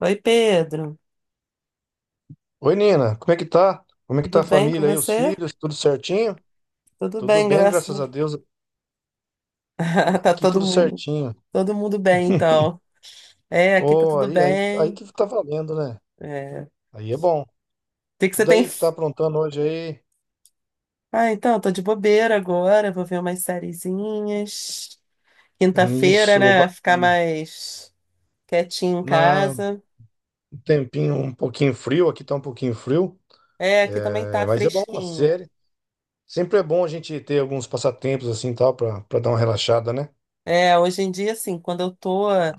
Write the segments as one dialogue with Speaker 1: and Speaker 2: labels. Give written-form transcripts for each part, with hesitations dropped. Speaker 1: Oi, Pedro.
Speaker 2: Oi, Nina, como é que tá? Como é que
Speaker 1: Tudo
Speaker 2: tá a
Speaker 1: bem com
Speaker 2: família aí, os
Speaker 1: você?
Speaker 2: filhos, tudo certinho?
Speaker 1: Tudo
Speaker 2: Tudo
Speaker 1: bem,
Speaker 2: bem, graças a
Speaker 1: graças
Speaker 2: Deus,
Speaker 1: a Tá
Speaker 2: aqui
Speaker 1: todo
Speaker 2: tudo
Speaker 1: mundo,
Speaker 2: certinho.
Speaker 1: todo mundo bem, então. É, aqui tá
Speaker 2: Oh,
Speaker 1: tudo
Speaker 2: aí, aí, aí
Speaker 1: bem.
Speaker 2: que tá valendo, né?
Speaker 1: É. O
Speaker 2: Aí é bom.
Speaker 1: que que
Speaker 2: E
Speaker 1: você tem?
Speaker 2: daí que tá aprontando hoje aí?
Speaker 1: Ah, então, tô de bobeira agora, vou ver umas sériezinhas. Quinta-feira,
Speaker 2: Isso,
Speaker 1: né? Ficar
Speaker 2: bacana.
Speaker 1: mais quietinho em
Speaker 2: Na,
Speaker 1: casa.
Speaker 2: um tempinho um pouquinho frio, aqui tá um pouquinho frio,
Speaker 1: É, aqui também
Speaker 2: é,
Speaker 1: tá
Speaker 2: mas é bom, a
Speaker 1: fresquinho.
Speaker 2: série. Sempre é bom a gente ter alguns passatempos assim, tal, pra dar uma relaxada, né?
Speaker 1: É, hoje em dia, assim, quando eu tô é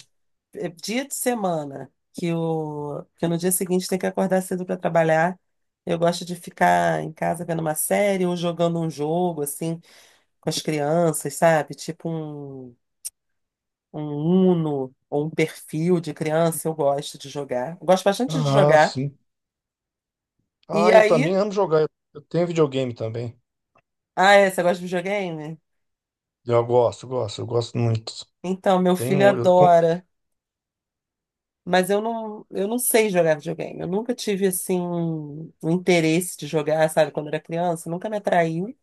Speaker 1: dia de semana, que, o, que no dia seguinte tem que acordar cedo para trabalhar, eu gosto de ficar em casa vendo uma série ou jogando um jogo, assim, com as crianças, sabe? Tipo um Uno ou um perfil de criança, eu gosto de jogar. Eu gosto bastante de
Speaker 2: Ah,
Speaker 1: jogar.
Speaker 2: sim.
Speaker 1: E
Speaker 2: Ah, eu
Speaker 1: aí.
Speaker 2: também amo jogar, eu tenho videogame também.
Speaker 1: Ah, é, você gosta de videogame?
Speaker 2: Eu gosto, gosto, eu gosto muito.
Speaker 1: Então, meu
Speaker 2: Tem
Speaker 1: filho
Speaker 2: um.
Speaker 1: adora. Mas eu não sei jogar videogame. Eu nunca tive, assim, um interesse de jogar, sabe? Quando era criança, nunca me atraiu.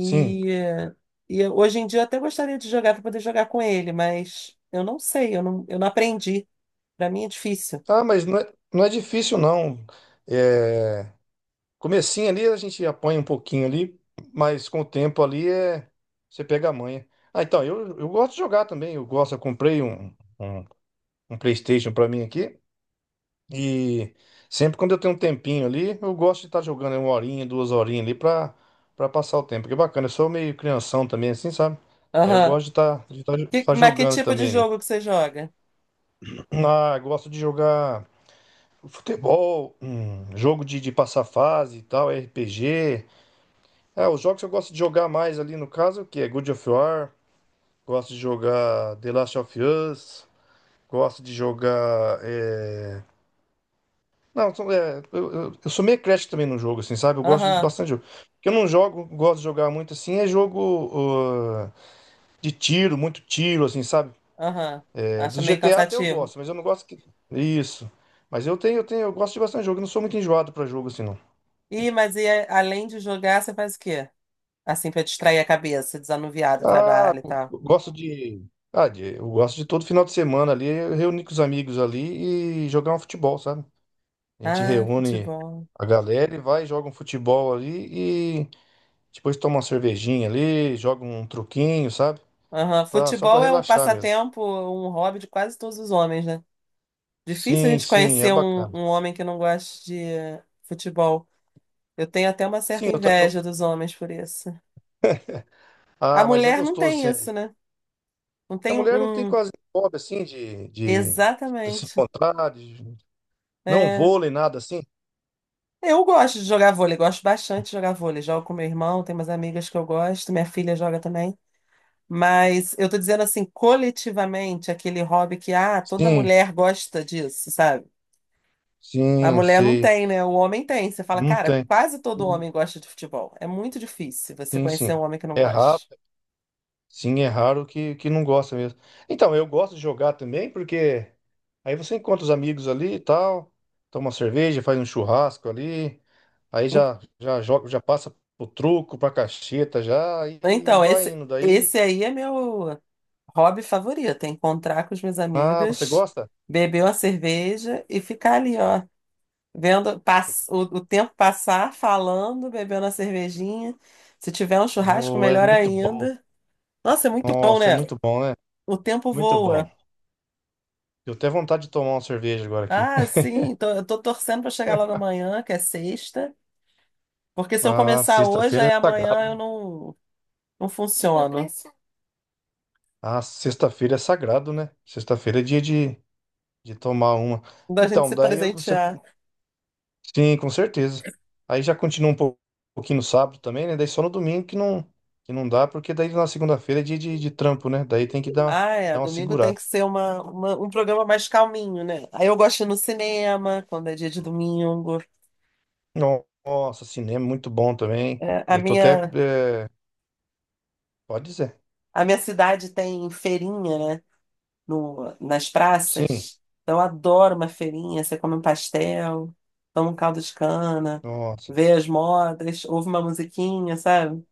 Speaker 2: Sim.
Speaker 1: eh, Hoje em dia eu até gostaria de jogar para poder jogar com ele, mas eu não sei, eu não aprendi. Para mim é difícil.
Speaker 2: Ah, mas não é, não é difícil, não. É, comecinho ali a gente apanha um pouquinho ali, mas com o tempo ali é. Você pega a manha. Ah, então, eu gosto de jogar também. Eu gosto, eu comprei um PlayStation pra mim aqui. E sempre quando eu tenho um tempinho ali, eu gosto de estar jogando uma horinha, duas horinhas ali pra passar o tempo. Que é bacana, eu sou meio crianção também, assim, sabe? Aí eu
Speaker 1: Aham.
Speaker 2: gosto de estar de
Speaker 1: Que-
Speaker 2: estar
Speaker 1: mas que
Speaker 2: jogando
Speaker 1: tipo de
Speaker 2: também ali.
Speaker 1: jogo que você joga?
Speaker 2: Ah, gosto de jogar. Futebol, jogo de passar fase e tal, RPG. É os jogos que eu gosto de jogar mais ali no caso, que é God of War, gosto de jogar The Last of Us, gosto de jogar. É, não, é, eu sou meio crash também no jogo, assim, sabe? Eu gosto de
Speaker 1: Aham,
Speaker 2: bastante jogo. O que eu não jogo, gosto de jogar muito assim, é jogo ah, de tiro, muito tiro, assim, sabe?
Speaker 1: aham.
Speaker 2: É,
Speaker 1: Acha
Speaker 2: dos
Speaker 1: meio
Speaker 2: GTA até eu
Speaker 1: cansativo.
Speaker 2: gosto, mas eu não gosto que. Isso. Mas eu tenho, eu gosto de bastante jogo, eu não sou muito enjoado pra jogo assim, não.
Speaker 1: Ih, mas e além de jogar, você faz o quê? Assim, para distrair a cabeça, desanuviar do
Speaker 2: Ah,
Speaker 1: trabalho e
Speaker 2: eu
Speaker 1: tal.
Speaker 2: gosto de. Ah, eu gosto de todo final de semana ali, eu reunir com os amigos ali e jogar um futebol, sabe? A gente
Speaker 1: Ah,
Speaker 2: reúne
Speaker 1: futebol.
Speaker 2: a galera e vai, joga um futebol ali e depois toma uma cervejinha ali, joga um truquinho, sabe?
Speaker 1: Aham.
Speaker 2: Pra, só pra
Speaker 1: Futebol é um
Speaker 2: relaxar mesmo.
Speaker 1: passatempo, um hobby de quase todos os homens, né? Difícil a
Speaker 2: Sim,
Speaker 1: gente
Speaker 2: sim, é
Speaker 1: conhecer um,
Speaker 2: bacana.
Speaker 1: um homem que não goste de futebol. Eu tenho até uma certa
Speaker 2: Sim, eu também.
Speaker 1: inveja dos homens por isso. A
Speaker 2: Ah, mas é
Speaker 1: mulher não
Speaker 2: gostoso,
Speaker 1: tem
Speaker 2: sim.
Speaker 1: isso, né? Não
Speaker 2: A
Speaker 1: tem
Speaker 2: mulher não tem
Speaker 1: um.
Speaker 2: quase hobby assim de se
Speaker 1: Exatamente.
Speaker 2: encontrar, de, não
Speaker 1: É.
Speaker 2: vôlei, nada assim.
Speaker 1: Eu gosto de jogar vôlei, gosto bastante de jogar vôlei. Jogo com meu irmão, tenho umas amigas que eu gosto, minha filha joga também. Mas eu tô dizendo assim, coletivamente, aquele hobby que, ah, toda
Speaker 2: Sim,
Speaker 1: mulher gosta disso, sabe? A
Speaker 2: sim,
Speaker 1: mulher não
Speaker 2: sei.
Speaker 1: tem, né? O homem tem. Você fala,
Speaker 2: Não
Speaker 1: cara,
Speaker 2: tem.
Speaker 1: quase todo homem gosta de futebol. É muito difícil você
Speaker 2: Sim,
Speaker 1: conhecer um
Speaker 2: sim.
Speaker 1: homem que não
Speaker 2: É raro.
Speaker 1: gosta.
Speaker 2: Sim, é raro que não gosta mesmo. Então, eu gosto de jogar também, porque aí você encontra os amigos ali e tal, toma uma cerveja, faz um churrasco ali, aí já já joga, já passa pro truco, pra cacheta já e
Speaker 1: Então,
Speaker 2: vai
Speaker 1: esse,
Speaker 2: indo. Daí,
Speaker 1: esse aí é meu. Hobby favorito é encontrar com as minhas
Speaker 2: ah, você
Speaker 1: amigas,
Speaker 2: gosta?
Speaker 1: beber uma cerveja e ficar ali, ó, vendo o tempo passar, falando, bebendo a cervejinha. Se tiver um churrasco,
Speaker 2: Oh, é
Speaker 1: melhor
Speaker 2: muito bom.
Speaker 1: ainda. Nossa, é muito bom,
Speaker 2: Nossa, é
Speaker 1: né?
Speaker 2: muito bom, né?
Speaker 1: O tempo
Speaker 2: Muito bom.
Speaker 1: voa.
Speaker 2: Eu até vontade de tomar uma cerveja agora aqui.
Speaker 1: Ah, sim, tô, eu tô torcendo para chegar logo amanhã, que é sexta, porque se eu
Speaker 2: Ah,
Speaker 1: começar hoje,
Speaker 2: sexta-feira
Speaker 1: aí
Speaker 2: é
Speaker 1: amanhã eu
Speaker 2: sagrado.
Speaker 1: não, não funciono.
Speaker 2: Ah, sexta-feira é sagrado, né? Sexta-feira é dia de. De tomar uma.
Speaker 1: Da gente
Speaker 2: Então,
Speaker 1: se
Speaker 2: você.
Speaker 1: presentear.
Speaker 2: Sim, com certeza. Aí já continua um pouquinho no sábado também, né? Daí só no domingo que não dá, porque daí na segunda-feira é dia de trampo, né? Daí tem que dar,
Speaker 1: Ah, é.
Speaker 2: dar uma
Speaker 1: Domingo tem
Speaker 2: segurada.
Speaker 1: que ser um programa mais calminho, né? Aí eu gosto de ir no cinema, quando é dia de domingo.
Speaker 2: Nossa, cinema é muito bom também.
Speaker 1: É, a
Speaker 2: Eu tô até.
Speaker 1: minha,
Speaker 2: É, pode dizer.
Speaker 1: a minha cidade tem feirinha, né? No, nas
Speaker 2: Sim.
Speaker 1: praças. Então eu adoro uma feirinha. Você come um pastel, toma um caldo de cana,
Speaker 2: Nossa.
Speaker 1: vê as modas, ouve uma musiquinha, sabe?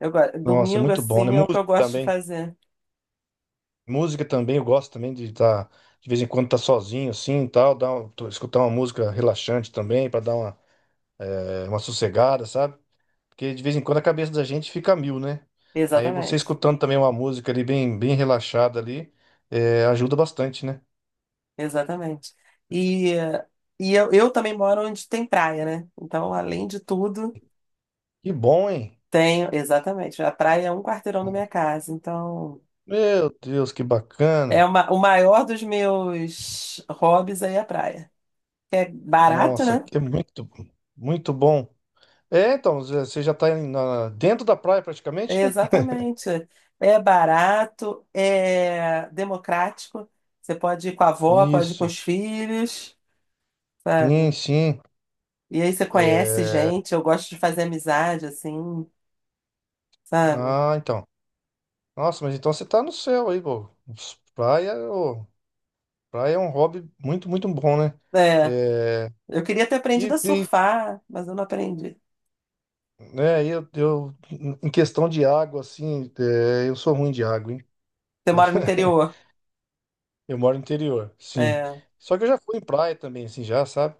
Speaker 2: Nossa, é
Speaker 1: Domingo,
Speaker 2: muito bom, né?
Speaker 1: assim, é o que
Speaker 2: Música
Speaker 1: eu gosto de
Speaker 2: também.
Speaker 1: fazer.
Speaker 2: Música também, eu gosto também de estar. De vez em quando tá sozinho, assim e tal. Dar, escutar uma música relaxante também, pra dar uma, é, uma sossegada, sabe? Porque de vez em quando a cabeça da gente fica a mil, né? Aí você
Speaker 1: Exatamente.
Speaker 2: escutando também uma música ali bem, bem relaxada ali, é, ajuda bastante, né?
Speaker 1: Exatamente. E, e eu também moro onde tem praia, né? Então, além de tudo.
Speaker 2: Que bom, hein?
Speaker 1: Tenho, exatamente. A praia é um quarteirão da minha casa, então
Speaker 2: Meu Deus, que
Speaker 1: é
Speaker 2: bacana!
Speaker 1: uma, o maior dos meus hobbies aí é a praia. É barato,
Speaker 2: Nossa,
Speaker 1: né?
Speaker 2: que é muito, muito bom. É, então, você já tá dentro da praia praticamente, né?
Speaker 1: Exatamente. É barato, é democrático. Você pode ir com a avó, pode ir com
Speaker 2: Isso.
Speaker 1: os filhos,
Speaker 2: Sim,
Speaker 1: sabe?
Speaker 2: sim.
Speaker 1: E aí você conhece
Speaker 2: É,
Speaker 1: gente, eu gosto de fazer amizade, assim, sabe?
Speaker 2: ah, então. Nossa, mas então você tá no céu aí, pô. Praia, ô, praia é um hobby muito, muito bom, né?
Speaker 1: É.
Speaker 2: É,
Speaker 1: Eu queria ter
Speaker 2: e,
Speaker 1: aprendido a surfar, mas eu não aprendi.
Speaker 2: é, em questão de água, assim, é, eu sou ruim de água, hein?
Speaker 1: Você mora no interior.
Speaker 2: Eu moro no interior, sim.
Speaker 1: É,
Speaker 2: Só que eu já fui em praia também, assim, já, sabe?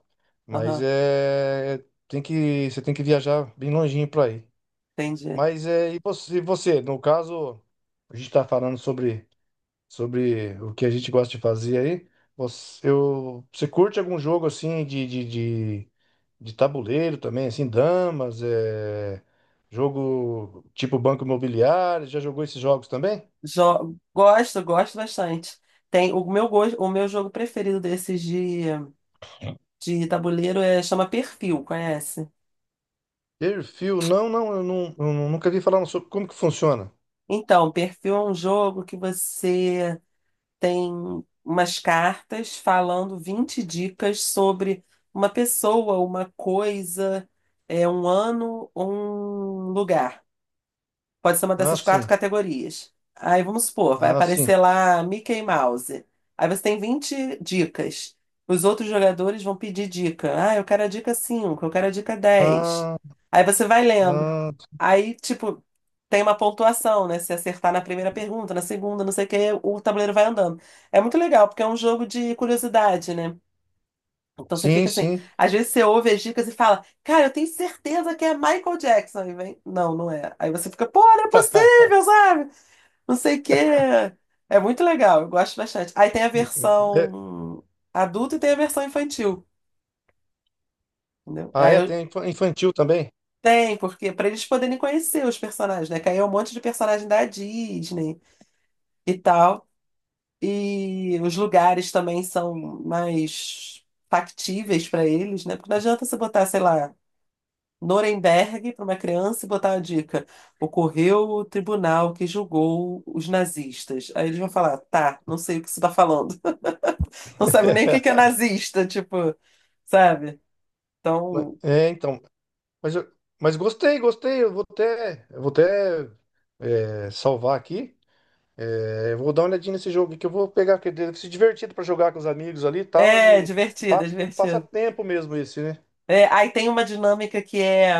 Speaker 2: Mas
Speaker 1: aham,
Speaker 2: é, é, tem que, você tem que viajar bem longinho pra ir.
Speaker 1: entendi.
Speaker 2: Mas é, e você, no caso, a gente tá falando sobre, sobre o que a gente gosta de fazer aí. Você, eu, você curte algum jogo, assim, de tabuleiro também, assim, damas, é, jogo tipo Banco Imobiliário, já jogou esses jogos também?
Speaker 1: Gosto, gosto bastante. Tem o meu jogo preferido desses de, tabuleiro é chama Perfil, conhece?
Speaker 2: Perfil, não, não, eu, não, eu nunca vi falar sobre como que funciona.
Speaker 1: Então, Perfil é um jogo que você tem umas cartas falando 20 dicas sobre uma pessoa, uma coisa, é um ano, um lugar. Pode ser uma
Speaker 2: Ah,
Speaker 1: dessas quatro
Speaker 2: sim,
Speaker 1: categorias. Aí vamos supor, vai
Speaker 2: ah, sim,
Speaker 1: aparecer lá Mickey Mouse. Aí você tem 20 dicas. Os outros jogadores vão pedir dica. Ah, eu quero a dica 5. Eu quero a dica 10.
Speaker 2: ah,
Speaker 1: Aí você vai lendo.
Speaker 2: ah,
Speaker 1: Aí, tipo, tem uma pontuação, né? Se acertar na primeira pergunta, na segunda, não sei o quê, o tabuleiro vai andando. É muito legal, porque é um jogo de curiosidade, né? Então você fica
Speaker 2: sim,
Speaker 1: assim,
Speaker 2: sim.
Speaker 1: às vezes você ouve as dicas e fala, cara, eu tenho certeza que é Michael Jackson. E vem, não, não é. Aí você fica, pô, não é possível, sabe? Não sei o quê. É muito legal, eu gosto bastante. Aí tem a
Speaker 2: É,
Speaker 1: versão adulta e tem a versão infantil, entendeu?
Speaker 2: ah,
Speaker 1: Aí
Speaker 2: é,
Speaker 1: eu
Speaker 2: tem infantil também.
Speaker 1: tem, porque para eles poderem conhecer os personagens, né? Que aí é um monte de personagem da Disney e tal. E os lugares também são mais factíveis para eles, né? Porque não adianta você botar, sei lá. Nuremberg para uma criança e botar uma dica. Ocorreu o tribunal que julgou os nazistas. Aí eles vão falar, tá, não sei o que você tá falando. Não sabe nem o que que é nazista, tipo, sabe? Então,
Speaker 2: É, então, mas, mas gostei, gostei, eu vou até é, salvar aqui. É, eu vou dar uma olhadinha nesse jogo aqui, que eu vou pegar, que deve ser divertido pra jogar com os amigos ali e tal.
Speaker 1: é
Speaker 2: Ele
Speaker 1: divertido, é
Speaker 2: passa, passa
Speaker 1: divertido.
Speaker 2: tempo mesmo esse, né?
Speaker 1: É, aí tem uma dinâmica que é.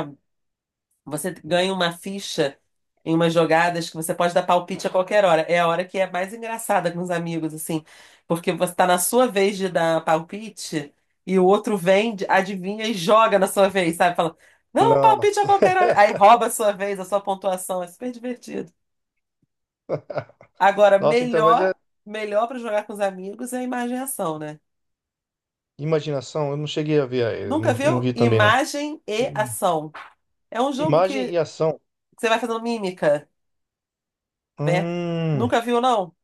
Speaker 1: Você ganha uma ficha em umas jogadas que você pode dar palpite a qualquer hora. É a hora que é mais engraçada com os amigos, assim, porque você tá na sua vez de dar palpite e o outro vem, adivinha e joga na sua vez, sabe? Fala, não, um palpite a
Speaker 2: Nossa.
Speaker 1: qualquer hora. Aí rouba a sua vez, a sua pontuação. É super divertido. Agora,
Speaker 2: Nossa, então, mas é
Speaker 1: melhor, melhor para jogar com os amigos é a imagem e ação, né?
Speaker 2: imaginação. Eu não cheguei a ver,
Speaker 1: Nunca
Speaker 2: não, não
Speaker 1: viu?
Speaker 2: vi também, não.
Speaker 1: Imagem e
Speaker 2: Hum.
Speaker 1: ação. É um jogo
Speaker 2: Imagem
Speaker 1: que
Speaker 2: e ação.
Speaker 1: você vai fazendo mímica. Vem,
Speaker 2: Hum.
Speaker 1: nunca viu, não?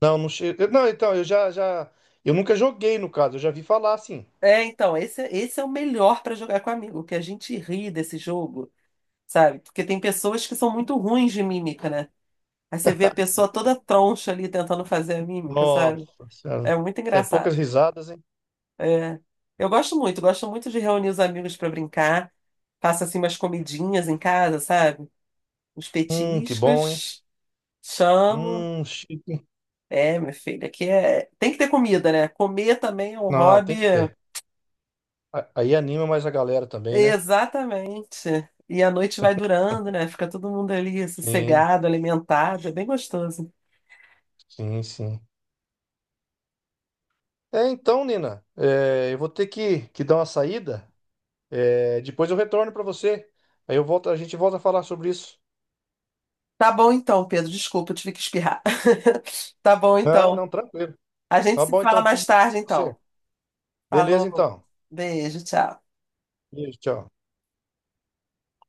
Speaker 2: Não, não cheguei. Não, então, eu já, já. Eu nunca joguei, no caso, eu já vi falar assim.
Speaker 1: É, então, esse é o melhor pra jogar com amigo, que a gente ri desse jogo, sabe? Porque tem pessoas que são muito ruins de mímica, né? Aí você vê a pessoa toda troncha ali tentando fazer a mímica, sabe?
Speaker 2: Nossa
Speaker 1: É
Speaker 2: senhora.
Speaker 1: muito
Speaker 2: Sai poucas
Speaker 1: engraçado.
Speaker 2: risadas, hein?
Speaker 1: É. Eu gosto muito de reunir os amigos pra brincar. Faço assim umas comidinhas em casa, sabe? Uns
Speaker 2: Que bom, hein?
Speaker 1: petiscos, chamo.
Speaker 2: Chique.
Speaker 1: É, minha filha, aqui é. Tem que ter comida, né? Comer também é um
Speaker 2: Não, tem
Speaker 1: hobby.
Speaker 2: que ter. Aí anima mais a galera também, né?
Speaker 1: Exatamente. E a noite vai durando, né? Fica todo mundo ali
Speaker 2: Sim.
Speaker 1: sossegado, alimentado, é bem gostoso.
Speaker 2: Sim, sim. É, então, Nina, é, eu vou ter que dar uma saída. É, depois eu retorno para você. Aí eu volto, a gente volta a falar sobre isso.
Speaker 1: Tá bom então, Pedro, desculpa, eu tive que espirrar. Tá bom
Speaker 2: Ah,
Speaker 1: então.
Speaker 2: não, tranquilo.
Speaker 1: A gente
Speaker 2: Tá
Speaker 1: se
Speaker 2: bom,
Speaker 1: fala
Speaker 2: então, tudo
Speaker 1: mais
Speaker 2: de bom
Speaker 1: tarde
Speaker 2: pra você.
Speaker 1: então.
Speaker 2: Beleza,
Speaker 1: Falou.
Speaker 2: então.
Speaker 1: Beijo, tchau.
Speaker 2: Beijo, tchau.